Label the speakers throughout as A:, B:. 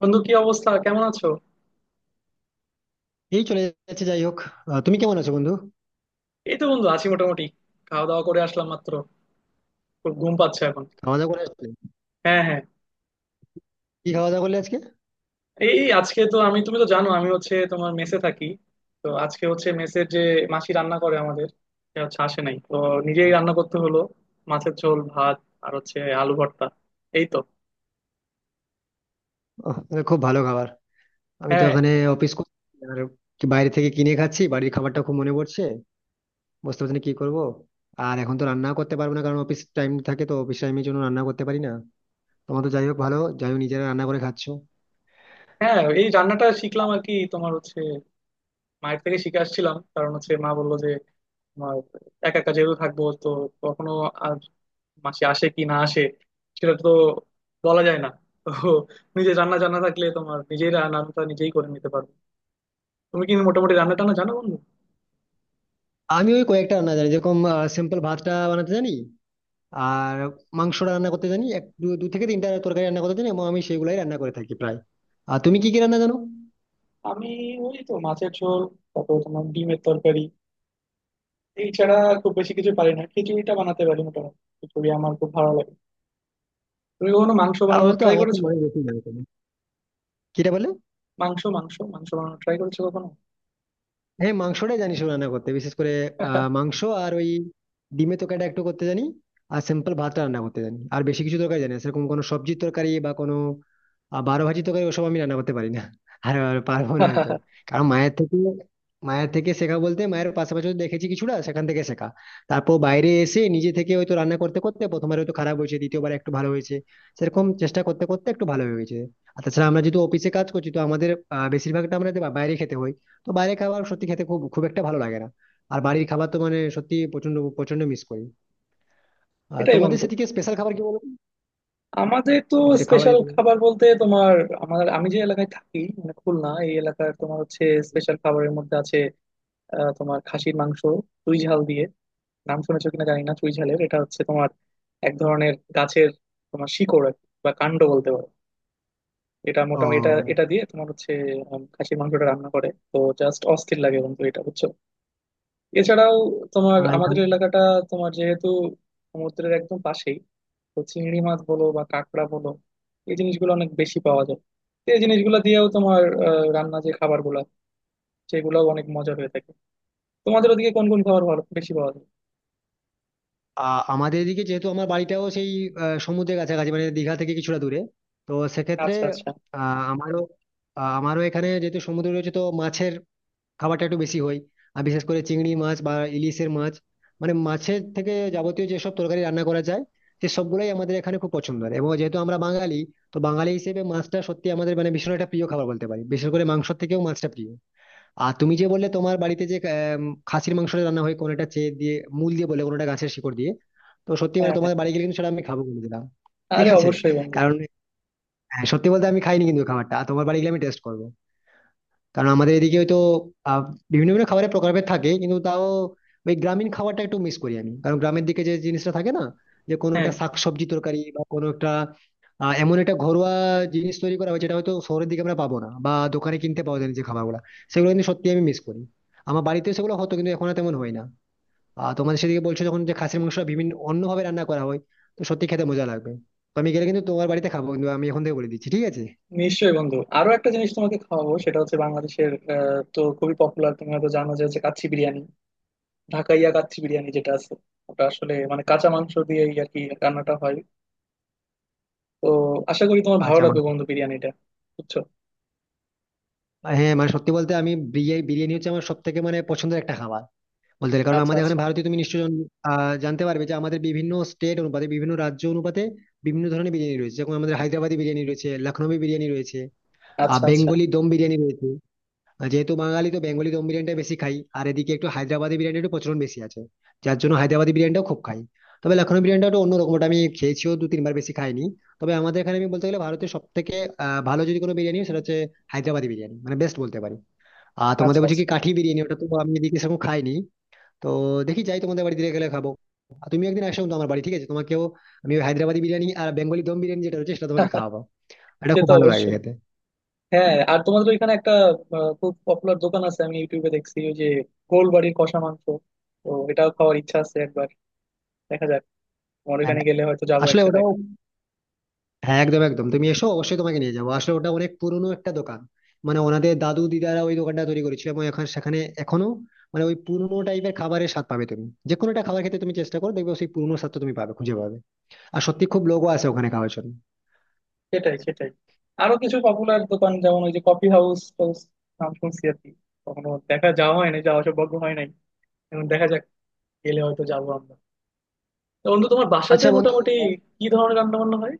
A: বন্ধু, কি অবস্থা? কেমন আছো?
B: এই চলে যাচ্ছে, যাই হোক। তুমি কেমন আছো, বন্ধু?
A: এই তো বন্ধু, আছি মোটামুটি। খাওয়া দাওয়া করে আসলাম মাত্র। খুব ঘুম পাচ্ছে এখন।
B: খাওয়া দাওয়া করে আসলে?
A: হ্যাঁ, হ্যাঁ।
B: কি খাওয়া দাওয়া করলে আজকে?
A: এই এই আজকে তো আমি, তুমি তো জানো আমি হচ্ছে তোমার মেসে থাকি। তো আজকে হচ্ছে মেসের যে মাসি রান্না করে আমাদের, সে হচ্ছে আসে নাই তো নিজেই রান্না করতে হলো। মাছের ঝোল ভাত, আর হচ্ছে আলু ভর্তা, এই তো।
B: এটা খুব ভালো খাবার। আমি তো
A: হ্যাঁ,
B: এখানে অফিস করছি, আর কি বাইরে থেকে কিনে খাচ্ছি। বাড়ির খাবারটা খুব মনে পড়ছে। বুঝতে পারছি না কি করবো। আর এখন তো রান্না করতে পারবো না, কারণ অফিস টাইম থাকে, তো অফিস টাইমের জন্য রান্না করতে পারি না। তোমার তো যাই হোক ভালো, যাই হোক নিজেরা রান্না করে খাচ্ছো।
A: হ্যাঁ। এই রান্নাটা শিখলাম আর কি, তোমার হচ্ছে মায়ের থেকে শিখে আসছিলাম। কারণ হচ্ছে মা বললো যে তোমার একা একা যেহেতু থাকবো, তো কখনো মাসি আসে কি না আসে সেটা তো বলা যায় না। তো নিজে রান্না জানা থাকলে তোমার নিজেই রান্নাটা নিজেই করে নিতে পারবে। তুমি কি মোটামুটি রান্না টান্না জানো বন্ধু?
B: আমি ওই কয়েকটা রান্না জানি, যেরকম সিম্পল ভাতটা বানাতে জানি। আর মাংসটা রান্না করতে জানি, এক দু দু থেকে তিনটা তরকারি রান্না করতে জানি, এবং আমি সেগুলাই রান্না করে থাকি প্রায়। আর তুমি কি কি রান্না জানো?
A: আমি, ওই তো মাছের ঝোল, তারপর তোমার ডিমের তরকারি, এই ছাড়া খুব বেশি কিছু পারি না। খিচুড়িটা বানাতে পারি মোটামুটি, খিচুড়ি আমার খুব ভালো লাগে। তুমি কখনো মাংস
B: তাহলে
A: বানানোর
B: তো
A: ট্রাই
B: আমার
A: করেছো?
B: থেকে অনেক বেশি জানতো। কিটা বলে?
A: মাংস মাংস মাংস বানানোর ট্রাই করেছো কখনো?
B: হ্যাঁ, মাংসটাই জানি শুধু রান্না করতে বিশেষ করে। মাংস। আর ওই ডিমের তরকারিটা একটু করতে জানি। আর সিম্পল ভাতটা রান্না করতে জানি, আর বেশি কিছু তরকারি জানি না। সেরকম কোনো সবজির তরকারি বা কোনো বারো ভাজি তরকারি ওসব আমি রান্না করতে পারি না। আর আর পারবো না হয়তো। কারণ মায়ের থেকে শেখা বলতে, মায়ের পাশাপাশি হয়তো দেখেছি কিছুটা, সেখান থেকে শেখা। তারপর বাইরে এসে নিজে থেকে হয়তো রান্না করতে করতে, প্রথমবার হয়তো খারাপ হয়েছে, দ্বিতীয়বার একটু ভালো হয়েছে। সেরকম চেষ্টা করতে করতে একটু ভালো হয়েছে। আর তাছাড়া আমরা যেহেতু অফিসে কাজ করছি, তো আমাদের বেশিরভাগটা আমাদের বাইরে খেতে হয়। তো বাইরের খাবার সত্যি খেতে খুব খুব একটা ভালো লাগে না। আর বাড়ির খাবার তো মানে সত্যি প্রচন্ড প্রচন্ড মিস করি। আর
A: এটাই
B: তোমাদের
A: বন্ধু,
B: সেদিকে স্পেশাল খাবার কি, বলো তো?
A: আমাদের তো
B: যেটা খাওয়া
A: স্পেশাল
B: যেতে পারে।
A: খাবার বলতে তোমার, আমার, আমি যে এলাকায় থাকি মানে খুলনা, এই এলাকার তোমার হচ্ছে স্পেশাল খাবারের মধ্যে আছে তোমার খাসির মাংস, চুই ঝাল দিয়ে। নাম শুনেছো কিনা জানি না, চুই ঝালের এটা হচ্ছে তোমার এক ধরনের গাছের তোমার শিকড় আর কি, বা কাণ্ড বলতে পারো। এটা মোটামুটি এটা
B: ও।
A: এটা দিয়ে তোমার হচ্ছে খাসির মাংসটা রান্না করে তো জাস্ট অস্থির লাগে বন্ধু, এটা বুঝছো? এছাড়াও তোমার
B: আর এই
A: আমাদের এলাকাটা তোমার যেহেতু সমুদ্রের একদম পাশেই, তো চিংড়ি মাছ বলো বা কাঁকড়া বলো, এই জিনিসগুলো অনেক বেশি পাওয়া যায়। তো এই জিনিসগুলো দিয়েও তোমার রান্না যে খাবারগুলো, সেগুলোও অনেক মজা হয়ে থাকে। তোমাদের ওদিকে কোন কোন খাবার ভালো বেশি পাওয়া যায়?
B: আমাদের এদিকে, যেহেতু আমার বাড়িটাও সেই সমুদ্রের কাছাকাছি, মানে দীঘা থেকে কিছুটা দূরে, তো সেক্ষেত্রে
A: আচ্ছা, আচ্ছা।
B: আহ আমারও আমারও এখানে যেহেতু সমুদ্র রয়েছে, তো মাছের খাবারটা একটু বেশি হয়। আর বিশেষ করে চিংড়ি মাছ বা ইলিশের মাছ, মানে মাছের থেকে যাবতীয় যেসব তরকারি রান্না করা যায়, সে সবগুলোই আমাদের এখানে খুব পছন্দের। এবং যেহেতু আমরা বাঙালি, তো বাঙালি হিসেবে মাছটা সত্যি আমাদের মানে ভীষণ একটা প্রিয় খাবার বলতে পারি, বিশেষ করে মাংসের থেকেও মাছটা প্রিয়। আর তুমি যে বললে তোমার বাড়িতে যে খাসির মাংসটা রান্না হয় কোনোটা চেয়ে দিয়ে মূল দিয়ে বলে, কোনোটা গাছের শিকড় দিয়ে, তো সত্যি
A: হ্যাঁ,
B: মানে
A: হ্যাঁ।
B: তোমার বাড়ি গেলে কিন্তু সেটা আমি খাবো বলে দিলাম, ঠিক
A: আরে
B: আছে?
A: অবশ্যই বন্ধু।
B: কারণ হ্যাঁ, সত্যি বলতে আমি খাইনি কিন্তু খাবারটা, আর তোমার বাড়ি গেলে আমি টেস্ট করবো। কারণ আমাদের এদিকে হয়তো আহ, বিভিন্ন বিভিন্ন খাবারের প্রকারভেদ থাকে, কিন্তু তাও ওই গ্রামীণ খাবারটা একটু মিস করি আমি। কারণ গ্রামের দিকে যে জিনিসটা থাকে, না যে কোনো
A: হ্যাঁ।
B: একটা শাকসবজি তরকারি বা কোনো একটা এমন একটা ঘরোয়া জিনিস তৈরি করা হয়, যেটা হয়তো শহরের দিকে আমরা পাবো না, বা দোকানে কিনতে পাওয়া যায় না যে খাবারগুলো, সেগুলো কিন্তু সত্যি আমি মিস করি। আমার বাড়িতে সেগুলো হতো, কিন্তু এখন আর তেমন হয় না। আর তোমাদের সেদিকে বলছো যখন, যে খাসির মাংস বিভিন্ন অন্যভাবে রান্না করা হয়, তো সত্যি খেতে মজা লাগবে। তো আমি গেলে কিন্তু তোমার বাড়িতে খাবো, কিন্তু আমি এখন থেকে বলে দিচ্ছি, ঠিক আছে?
A: নিশ্চয়ই বন্ধু, আরো একটা জিনিস তোমাকে খাওয়াবো। সেটা হচ্ছে বাংলাদেশের তো খুবই পপুলার, তুমি হয়তো জানো, যে হচ্ছে কাচ্চি বিরিয়ানি। ঢাকাইয়া কাচ্চি বিরিয়ানি যেটা আছে, ওটা আসলে মানে কাঁচা মাংস দিয়েই আর কি রান্নাটা হয়। তো আশা করি তোমার ভালো
B: আচ্ছা।
A: লাগবে বন্ধু বিরিয়ানিটা, বুঝছো?
B: আর হ্যাঁ মানে সত্যি বলতে আমি বিরিয়ানি বিরিয়ানি হচ্ছে আমার সব থেকে মানে পছন্দের একটা খাবার বলতে গেলে। কারণ
A: আচ্ছা,
B: আমাদের এখানে
A: আচ্ছা,
B: ভারতীয় তুমি নিশ্চয়ই জানতে পারবে যে আমাদের বিভিন্ন স্টেট অনুপাতে, বিভিন্ন রাজ্য অনুপাতে বিভিন্ন ধরনের বিরিয়ানি রয়েছে, যেমন আমাদের হায়দ্রাবাদি বিরিয়ানি রয়েছে, লখনৌই বিরিয়ানি রয়েছে, আর
A: আচ্ছা, আচ্ছা,
B: বেঙ্গলি দম বিরিয়ানি রয়েছে। আর যেহেতু বাঙালি, তো বেঙ্গলি দম বিরিয়ানিটা বেশি খাই, আর এদিকে একটু হায়দ্রাবাদি বিরিয়ানির একটু প্রচলন বেশি আছে, যার জন্য হায়দ্রাবাদি বিরিয়ানিটাও খুব খাই। তবে লখনৌ বিরিয়ানিটা একটু অন্যরকম, ওটা আমি খেয়েছিও দু তিনবার, বেশি খাইনি। তবে আমাদের এখানে আমি বলতে গেলে ভারতের সব থেকে ভালো যদি কোনো বিরিয়ানি হয়, সেটা হচ্ছে হায়দ্রাবাদি বিরিয়ানি, মানে বেস্ট বলতে পারি। আর তোমাদের
A: আচ্ছা,
B: বলছি কি,
A: আচ্ছা।
B: কাঠি বিরিয়ানি ওটা তো আমি এদিকে সেরকম খাইনি। তো দেখি, যাই তোমাদের বাড়িতে গেলে খাবো। আর তুমি একদিন আসো তো আমার বাড়ি, ঠিক আছে? তোমাকেও আমি ওই হায়দ্রাবাদি বিরিয়ানি আর বেঙ্গলি দম বিরিয়ানি যেটা রয়েছে, সেটা তোমাকে খাওয়াবো। এটা
A: সে
B: খুব
A: তো
B: ভালো লাগে
A: অবশ্যই।
B: খেতে।
A: হ্যাঁ, আর তোমাদের ওইখানে একটা খুব পপুলার দোকান আছে, আমি ইউটিউবে দেখছি ওই যে গোলবাড়ির কষা মাংস। তো এটাও খাওয়ার ইচ্ছা আছে একবার, দেখা যাক, তোমার
B: হ্যাঁ,
A: ওখানে গেলে হয়তো যাবো
B: আসলে
A: একসাথে
B: ওটাও,
A: একদম।
B: হ্যাঁ, একদম একদম তুমি এসো, অবশ্যই তোমাকে নিয়ে যাবো। আসলে ওটা অনেক পুরনো একটা দোকান, মানে ওনাদের দাদু দিদারা ওই দোকানটা তৈরি করেছিল, এবং এখন সেখানে এখনো মানে ওই পুরনো টাইপের খাবারের স্বাদ পাবে তুমি। যে কোনো একটা খাবার খেতে তুমি চেষ্টা করো, দেখবে সেই পুরনো স্বাদটা তুমি পাবে, খুঁজে পাবে। আর সত্যি খুব লোকও আছে ওখানে খাওয়ার জন্য।
A: সেটাই, সেটাই। আরো কিছু পপুলার দোকান যেমন ওই যে কফি হাউস টাউস, নাম শুনছি আর কি, কখনো দেখা যাওয়া হয় নাই, যাওয়া সৌভাগ্য হয় নাই। এখন দেখা যাক, গেলে হয়তো যাবো আমরা। তো বন্ধু, তোমার বাসাতে
B: আচ্ছা বন্ধু,
A: মোটামুটি কি ধরনের রান্না বান্না হয়?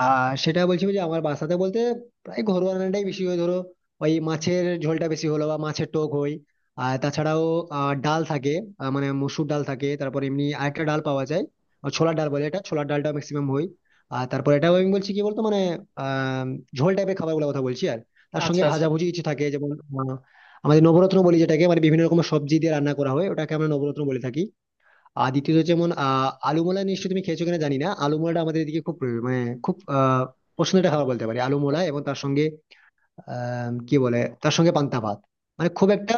B: আর সেটা বলছি যে আমার বাসাতে বলতে প্রায় ঘরোয়া রান্নাটাই বেশি হয়। ধরো, ওই মাছের ঝোলটা বেশি হলো, বা মাছের টক হয়। আর তাছাড়াও ডাল থাকে, মানে মসুর ডাল থাকে, তারপর এমনি আরেকটা ডাল পাওয়া যায়, ছোলার ডাল বলে। এটা ছোলার ডালটা ম্যাক্সিমাম হয়। আর তারপর এটাও আমি বলছি কি বলতো মানে আহ ঝোল টাইপের খাবারগুলোর কথা বলছি। আর তার
A: আচ্ছা,
B: সঙ্গে
A: আচ্ছা,
B: ভাজাভুজি কিছু থাকে, যেমন আহ, আমাদের নবরত্ন বলি যেটাকে, মানে বিভিন্ন রকমের সবজি দিয়ে রান্না করা হয়, ওটাকে আমরা নবরত্ন বলে থাকি। আর দ্বিতীয়ত যেমন আলুমলা, নিশ্চয়ই তুমি খেয়েছো কিনা জানি না, আলুমলাটা আমাদের এদিকে খুব প্রিয়, মানে খুব পছন্দের একটা খাবার বলতে পারি আলুমলা। এবং তার সঙ্গে আহ কি বলে তার সঙ্গে পান্তা ভাত, মানে খুব একটা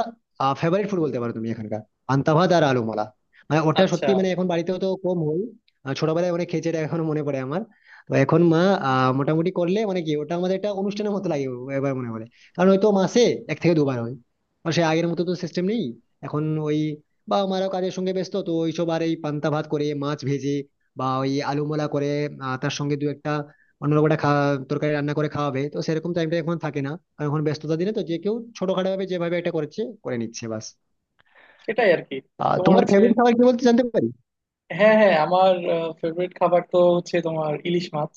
B: ফেভারিট ফুড বলতে পারো তুমি এখানকার, পান্তা ভাত আর আলু মালা। মানে ওটা
A: আচ্ছা।
B: সত্যি মানে এখন বাড়িতেও তো কম হয়। ছোটবেলায় অনেক খেয়েছি এটা, এখনো মনে পড়ে আমার। তো এখন মা মোটামুটি করলে মানে কি, ওটা আমাদের একটা অনুষ্ঠানের মতো লাগে এবার, মনে হলে। কারণ হয়তো মাসে এক থেকে দুবার হয়। আর সে আগের মতো তো সিস্টেম নেই এখন। ওই বা আমারও কাজের সঙ্গে ব্যস্ত, তো ওইসব আর এই পান্তা ভাত করে মাছ ভেজে, বা ওই আলু মোলা করে, তার সঙ্গে দু একটা অন্য লোক একটা তরকারি রান্না করে খাওয়াবে, তো সেরকম টাইমটা এখন থাকে না। কারণ এখন ব্যস্ততা দিনে তো যে কেউ ছোটখাটো ভাবে যেভাবে এটা করছে করে নিচ্ছে, বাস।
A: সেটাই আর কি। তোমার
B: তোমার
A: হচ্ছে,
B: ফেভারিট খাবার কি, বলতে জানতে পারি?
A: হ্যাঁ হ্যাঁ, আমার ফেভারিট খাবার তো হচ্ছে তোমার ইলিশ মাছ।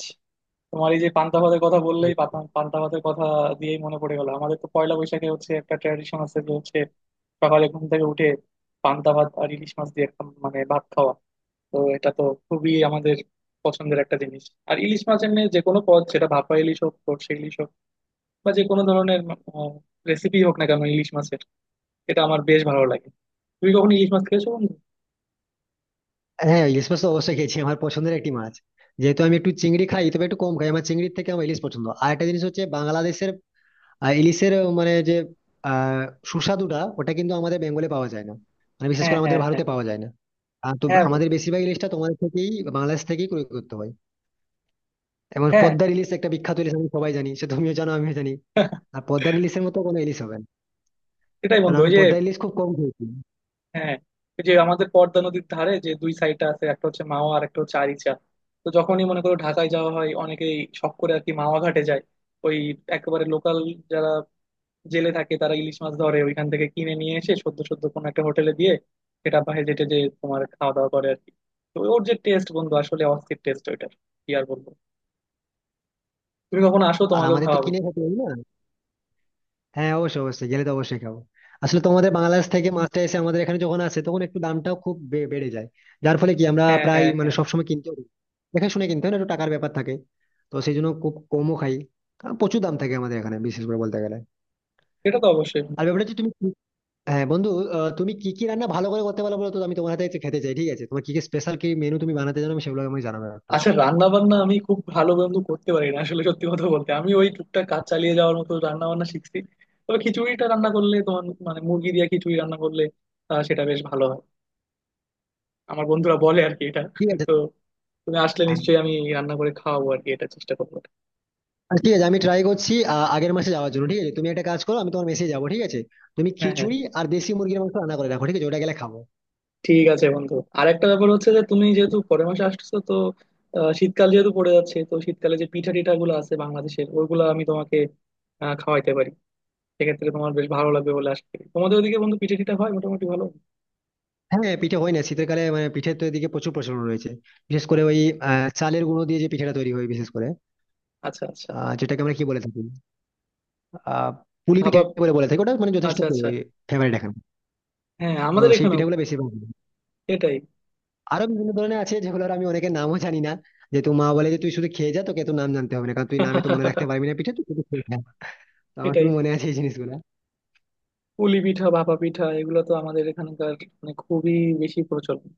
A: তোমার এই যে পান্তা ভাতের কথা বললেই পান্তা ভাতের কথা দিয়েই মনে পড়ে গেল, আমাদের তো পয়লা বৈশাখে হচ্ছে একটা ট্র্যাডিশন আছে যে হচ্ছে সকালে ঘুম থেকে উঠে পান্তা ভাত আর ইলিশ মাছ দিয়ে একটা মানে ভাত খাওয়া। তো এটা তো খুবই আমাদের পছন্দের একটা জিনিস। আর ইলিশ মাছ এমনি যে কোনো পদ, সেটা ভাপা ইলিশ হোক, সর্ষে ইলিশ হোক, বা যে কোনো ধরনের রেসিপি হোক না কেন ইলিশ মাছের, এটা আমার বেশ ভালো লাগে। তুমি কখন ইলিশ মাছ খেয়েছো বন্ধু?
B: হ্যাঁ, ইলিশ মাছ তো অবশ্যই খেয়েছি, আমার পছন্দের একটি মাছ। যেহেতু আমি একটু চিংড়ি খাই, তবে একটু কম খাই, আমার চিংড়ির থেকে আমার ইলিশ পছন্দ। আর একটা জিনিস হচ্ছে বাংলাদেশের ইলিশের মানে যে আহ সুস্বাদুটা, ওটা কিন্তু আমাদের বেঙ্গলে পাওয়া যায় না, মানে বিশেষ
A: হ্যাঁ,
B: করে আমাদের
A: হ্যাঁ, হ্যাঁ।
B: ভারতে পাওয়া যায় না। তো
A: হ্যাঁ
B: আমাদের
A: বন্ধু।
B: বেশিরভাগ ইলিশটা তোমাদের থেকেই, বাংলাদেশ থেকেই ক্রয় করতে হয়। এবং
A: হ্যাঁ।
B: পদ্মার ইলিশ একটা বিখ্যাত ইলিশ, আমি সবাই জানি, সে তুমিও জানো, আমিও জানি। আর পদ্মার ইলিশের মতো কোনো ইলিশ হবে না,
A: সেটাই
B: কারণ
A: বন্ধু,
B: আমি
A: ওই যে।
B: পদ্মার ইলিশ খুব কম খেয়েছি।
A: হ্যাঁ। ওই যে আমাদের পদ্মা নদীর ধারে যে দুই সাইডটা আছে, একটা হচ্ছে মাওয়া আর একটা হচ্ছে আরিচা। তো যখনই মনে করো ঢাকায় যাওয়া হয় অনেকেই শখ করে আর কি মাওয়া ঘাটে যায়। ওই একেবারে লোকাল যারা জেলে থাকে তারা ইলিশ মাছ ধরে, ওইখান থেকে কিনে নিয়ে এসে সদ্য সদ্য কোনো একটা হোটেলে দিয়ে সেটা বাইরে যেটে যে তোমার খাওয়া দাওয়া করে আর কি। তো ওর যে টেস্ট বন্ধু, আসলে অস্থির টেস্ট ওইটার, কি আর বলবো। তুমি কখন আসো,
B: আর
A: তোমাকেও
B: আমাদের তো
A: খাওয়াবো।
B: কিনে খেতে হবে না। হ্যাঁ, অবশ্যই অবশ্যই গেলে তো অবশ্যই খাবো। আসলে তোমাদের বাংলাদেশ থেকে মাছটা এসে আমাদের এখানে যখন আসে, তখন একটু দামটাও খুব বেড়ে যায়, যার ফলে কি আমরা
A: হ্যাঁ,
B: প্রায়
A: হ্যাঁ,
B: মানে
A: হ্যাঁ।
B: সবসময় কিনতে পারি। দেখে শুনে কিনতে হয় না, একটু টাকার ব্যাপার থাকে, তো সেই জন্য খুব কমও খাই, কারণ প্রচুর দাম থাকে আমাদের এখানে বিশেষ করে বলতে গেলে।
A: সেটা তো অবশ্যই।
B: আর ব্যাপারটা হচ্ছে তুমি হ্যাঁ বন্ধু, তুমি কি কি রান্না ভালো করে করতে পারো বলো তো, আমি তোমার হাতে একটু খেতে চাই, ঠিক আছে? তোমার কি কি স্পেশাল কি মেনু তুমি বানাতে জানো, আমি সেগুলো আমি জানাবো একটু।
A: আচ্ছা, রান্না বান্না আমি খুব ভালো বন্ধু করতে পারি না আসলে, সত্যি কথা বলতে আমি ওই টুকটাক কাজ চালিয়ে যাওয়ার মতো রান্না বান্না শিখছি। তবে খিচুড়িটা রান্না করলে তোমার মানে মুরগি দিয়ে খিচুড়ি রান্না করলে সেটা বেশ ভালো হয়, আমার বন্ধুরা বলে আর কি এটা।
B: ঠিক আছে।
A: তো তুমি আসলে
B: হ্যাঁ।
A: নিশ্চয়ই আমি রান্না করে খাওয়াবো আর কি, এটা চেষ্টা করবো।
B: ঠিক আছে, আমি ট্রাই করছি, আগের মাসে যাওয়ার জন্য, ঠিক আছে? তুমি একটা কাজ করো, আমি তোমার মেসে যাবো, ঠিক আছে? তুমি
A: হ্যাঁ, হ্যাঁ।
B: খিচুড়ি আর দেশি মুরগির মাংস রান্না করে রাখো, ঠিক আছে? ওটা গেলে খাবো।
A: ঠিক আছে বন্ধু, আর একটা ব্যাপার হচ্ছে যে তুমি যেহেতু পরের মাসে আসতেছো, তো শীতকাল যেহেতু পড়ে যাচ্ছে, তো শীতকালে যে পিঠা টিঠা গুলো আছে বাংলাদেশের, ওইগুলো আমি তোমাকে খাওয়াইতে পারি। সেক্ষেত্রে তোমার বেশ ভালো লাগবে বলে আশা করি। তোমাদের ওদিকে বন্ধু পিঠে টিঠা হয় মোটামুটি ভালো?
B: হ্যাঁ হ্যাঁ, পিঠে হয় না শীতকালে, মানে পিঠের তো এদিকে প্রচুর প্রচলন রয়েছে। বিশেষ করে ওই চালের গুঁড়ো দিয়ে যে পিঠেটা তৈরি হয় বিশেষ করে,
A: আচ্ছা, আচ্ছা।
B: যেটাকে আমরা কি বলে থাকি, আহ পুলি পিঠে
A: ভাপা।
B: বলে বলে থাকি। ওটা মানে যথেষ্ট
A: আচ্ছা, আচ্ছা।
B: ফেভারিট এখন।
A: হ্যাঁ,
B: তো
A: আমাদের
B: সেই
A: এখানেও
B: পিঠেগুলো বেশি ভালো লাগে।
A: এটাই।
B: আরো বিভিন্ন ধরনের আছে যেগুলোর আমি অনেকের নামও জানি না। যেহেতু মা বলে যে, তুই শুধু খেয়ে যা, তোকে তো নাম জানতে হবে না, কারণ তুই নামে তো মনে রাখতে পারবি না পিঠে, তুই শুধু খেয়ে যা। তো আমার
A: এটাই।
B: শুধু মনে আছে এই জিনিসগুলো।
A: পুলি পিঠা, ভাপা পিঠা এগুলো তো আমাদের এখানকার মানে খুবই বেশি প্রচলন।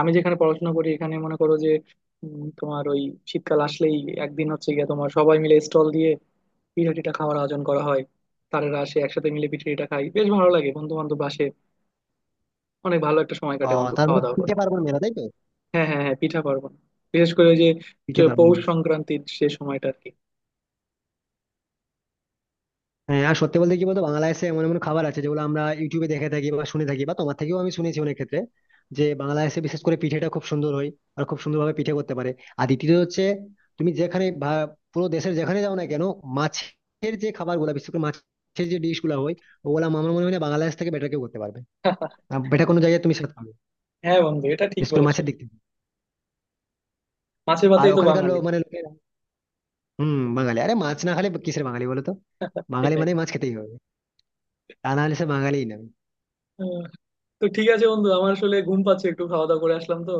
A: আমি যেখানে পড়াশোনা করি, এখানে মনে করো যে তোমার ওই শীতকাল আসলেই একদিন হচ্ছে গিয়ে তোমার সবাই মিলে স্টল দিয়ে পিঠা টিঠা খাওয়ার আয়োজন করা হয়। তারেরা আসে একসাথে, মিলে পিঠা টিঠা খাই, বেশ ভালো লাগে, বন্ধু বান্ধব আসে, অনেক ভালো একটা সময়
B: ও,
A: কাটে বন্ধু
B: তার
A: খাওয়া
B: মানে
A: দাওয়া
B: পিঠে
A: করে।
B: পার্বণ মেলা, তাই তো?
A: হ্যাঁ, হ্যাঁ, হ্যাঁ, পিঠা পার্বণ। বিশেষ করে ওই যে
B: পিঠে পার্বণ
A: পৌষ
B: মেলা।
A: সংক্রান্তির সে সময়টা আর কি।
B: হ্যাঁ, আর সত্যি বলতে কি বলতো, বাংলাদেশে এমন এমন খাবার আছে যেগুলো আমরা ইউটিউবে দেখে থাকি বা শুনে থাকি, বা তোমার থেকেও আমি শুনেছি অনেক ক্ষেত্রে, যে বাংলাদেশে বিশেষ করে পিঠেটা খুব সুন্দর হয়, আর খুব সুন্দরভাবে পিঠে করতে পারে। আর দ্বিতীয়ত হচ্ছে, তুমি যেখানে পুরো দেশের যেখানে যাও না কেন, মাছের যে খাবার গুলা, বিশেষ করে মাছের যে ডিশ গুলা হয়, ওগুলা আমার মনে হয় না বাংলাদেশ থেকে বেটার কেউ করতে পারবে, বেটার কোনো জায়গায় তুমি সেটা পাবে,
A: হ্যাঁ বন্ধু, এটা ঠিক
B: বিশেষ করে
A: বলেছো।
B: মাছের দিক থেকে।
A: মাছে
B: আর
A: ভাতেই তো
B: ওখানকার
A: বাঙালি।
B: লোক মানে লোকেরা, হম বাঙালি, আরে মাছ না খেলে কিসের বাঙালি বলো তো? বাঙালি
A: সেটাই।
B: মানে মাছ খেতেই হবে, তা না হলে সে বাঙালিই না।
A: আহ, তো ঠিক আছে বন্ধু, আমার আসলে ঘুম পাচ্ছে, একটু খাওয়া দাওয়া করে আসলাম তো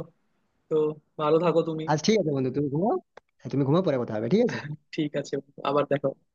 A: তো ভালো থাকো তুমি।
B: আজ ঠিক আছে বন্ধু, তুমি ঘুমাও। হ্যাঁ তুমি ঘুমাও, পরে কথা হবে, ঠিক আছে।
A: ঠিক আছে বন্ধু, আবার দেখা হবে।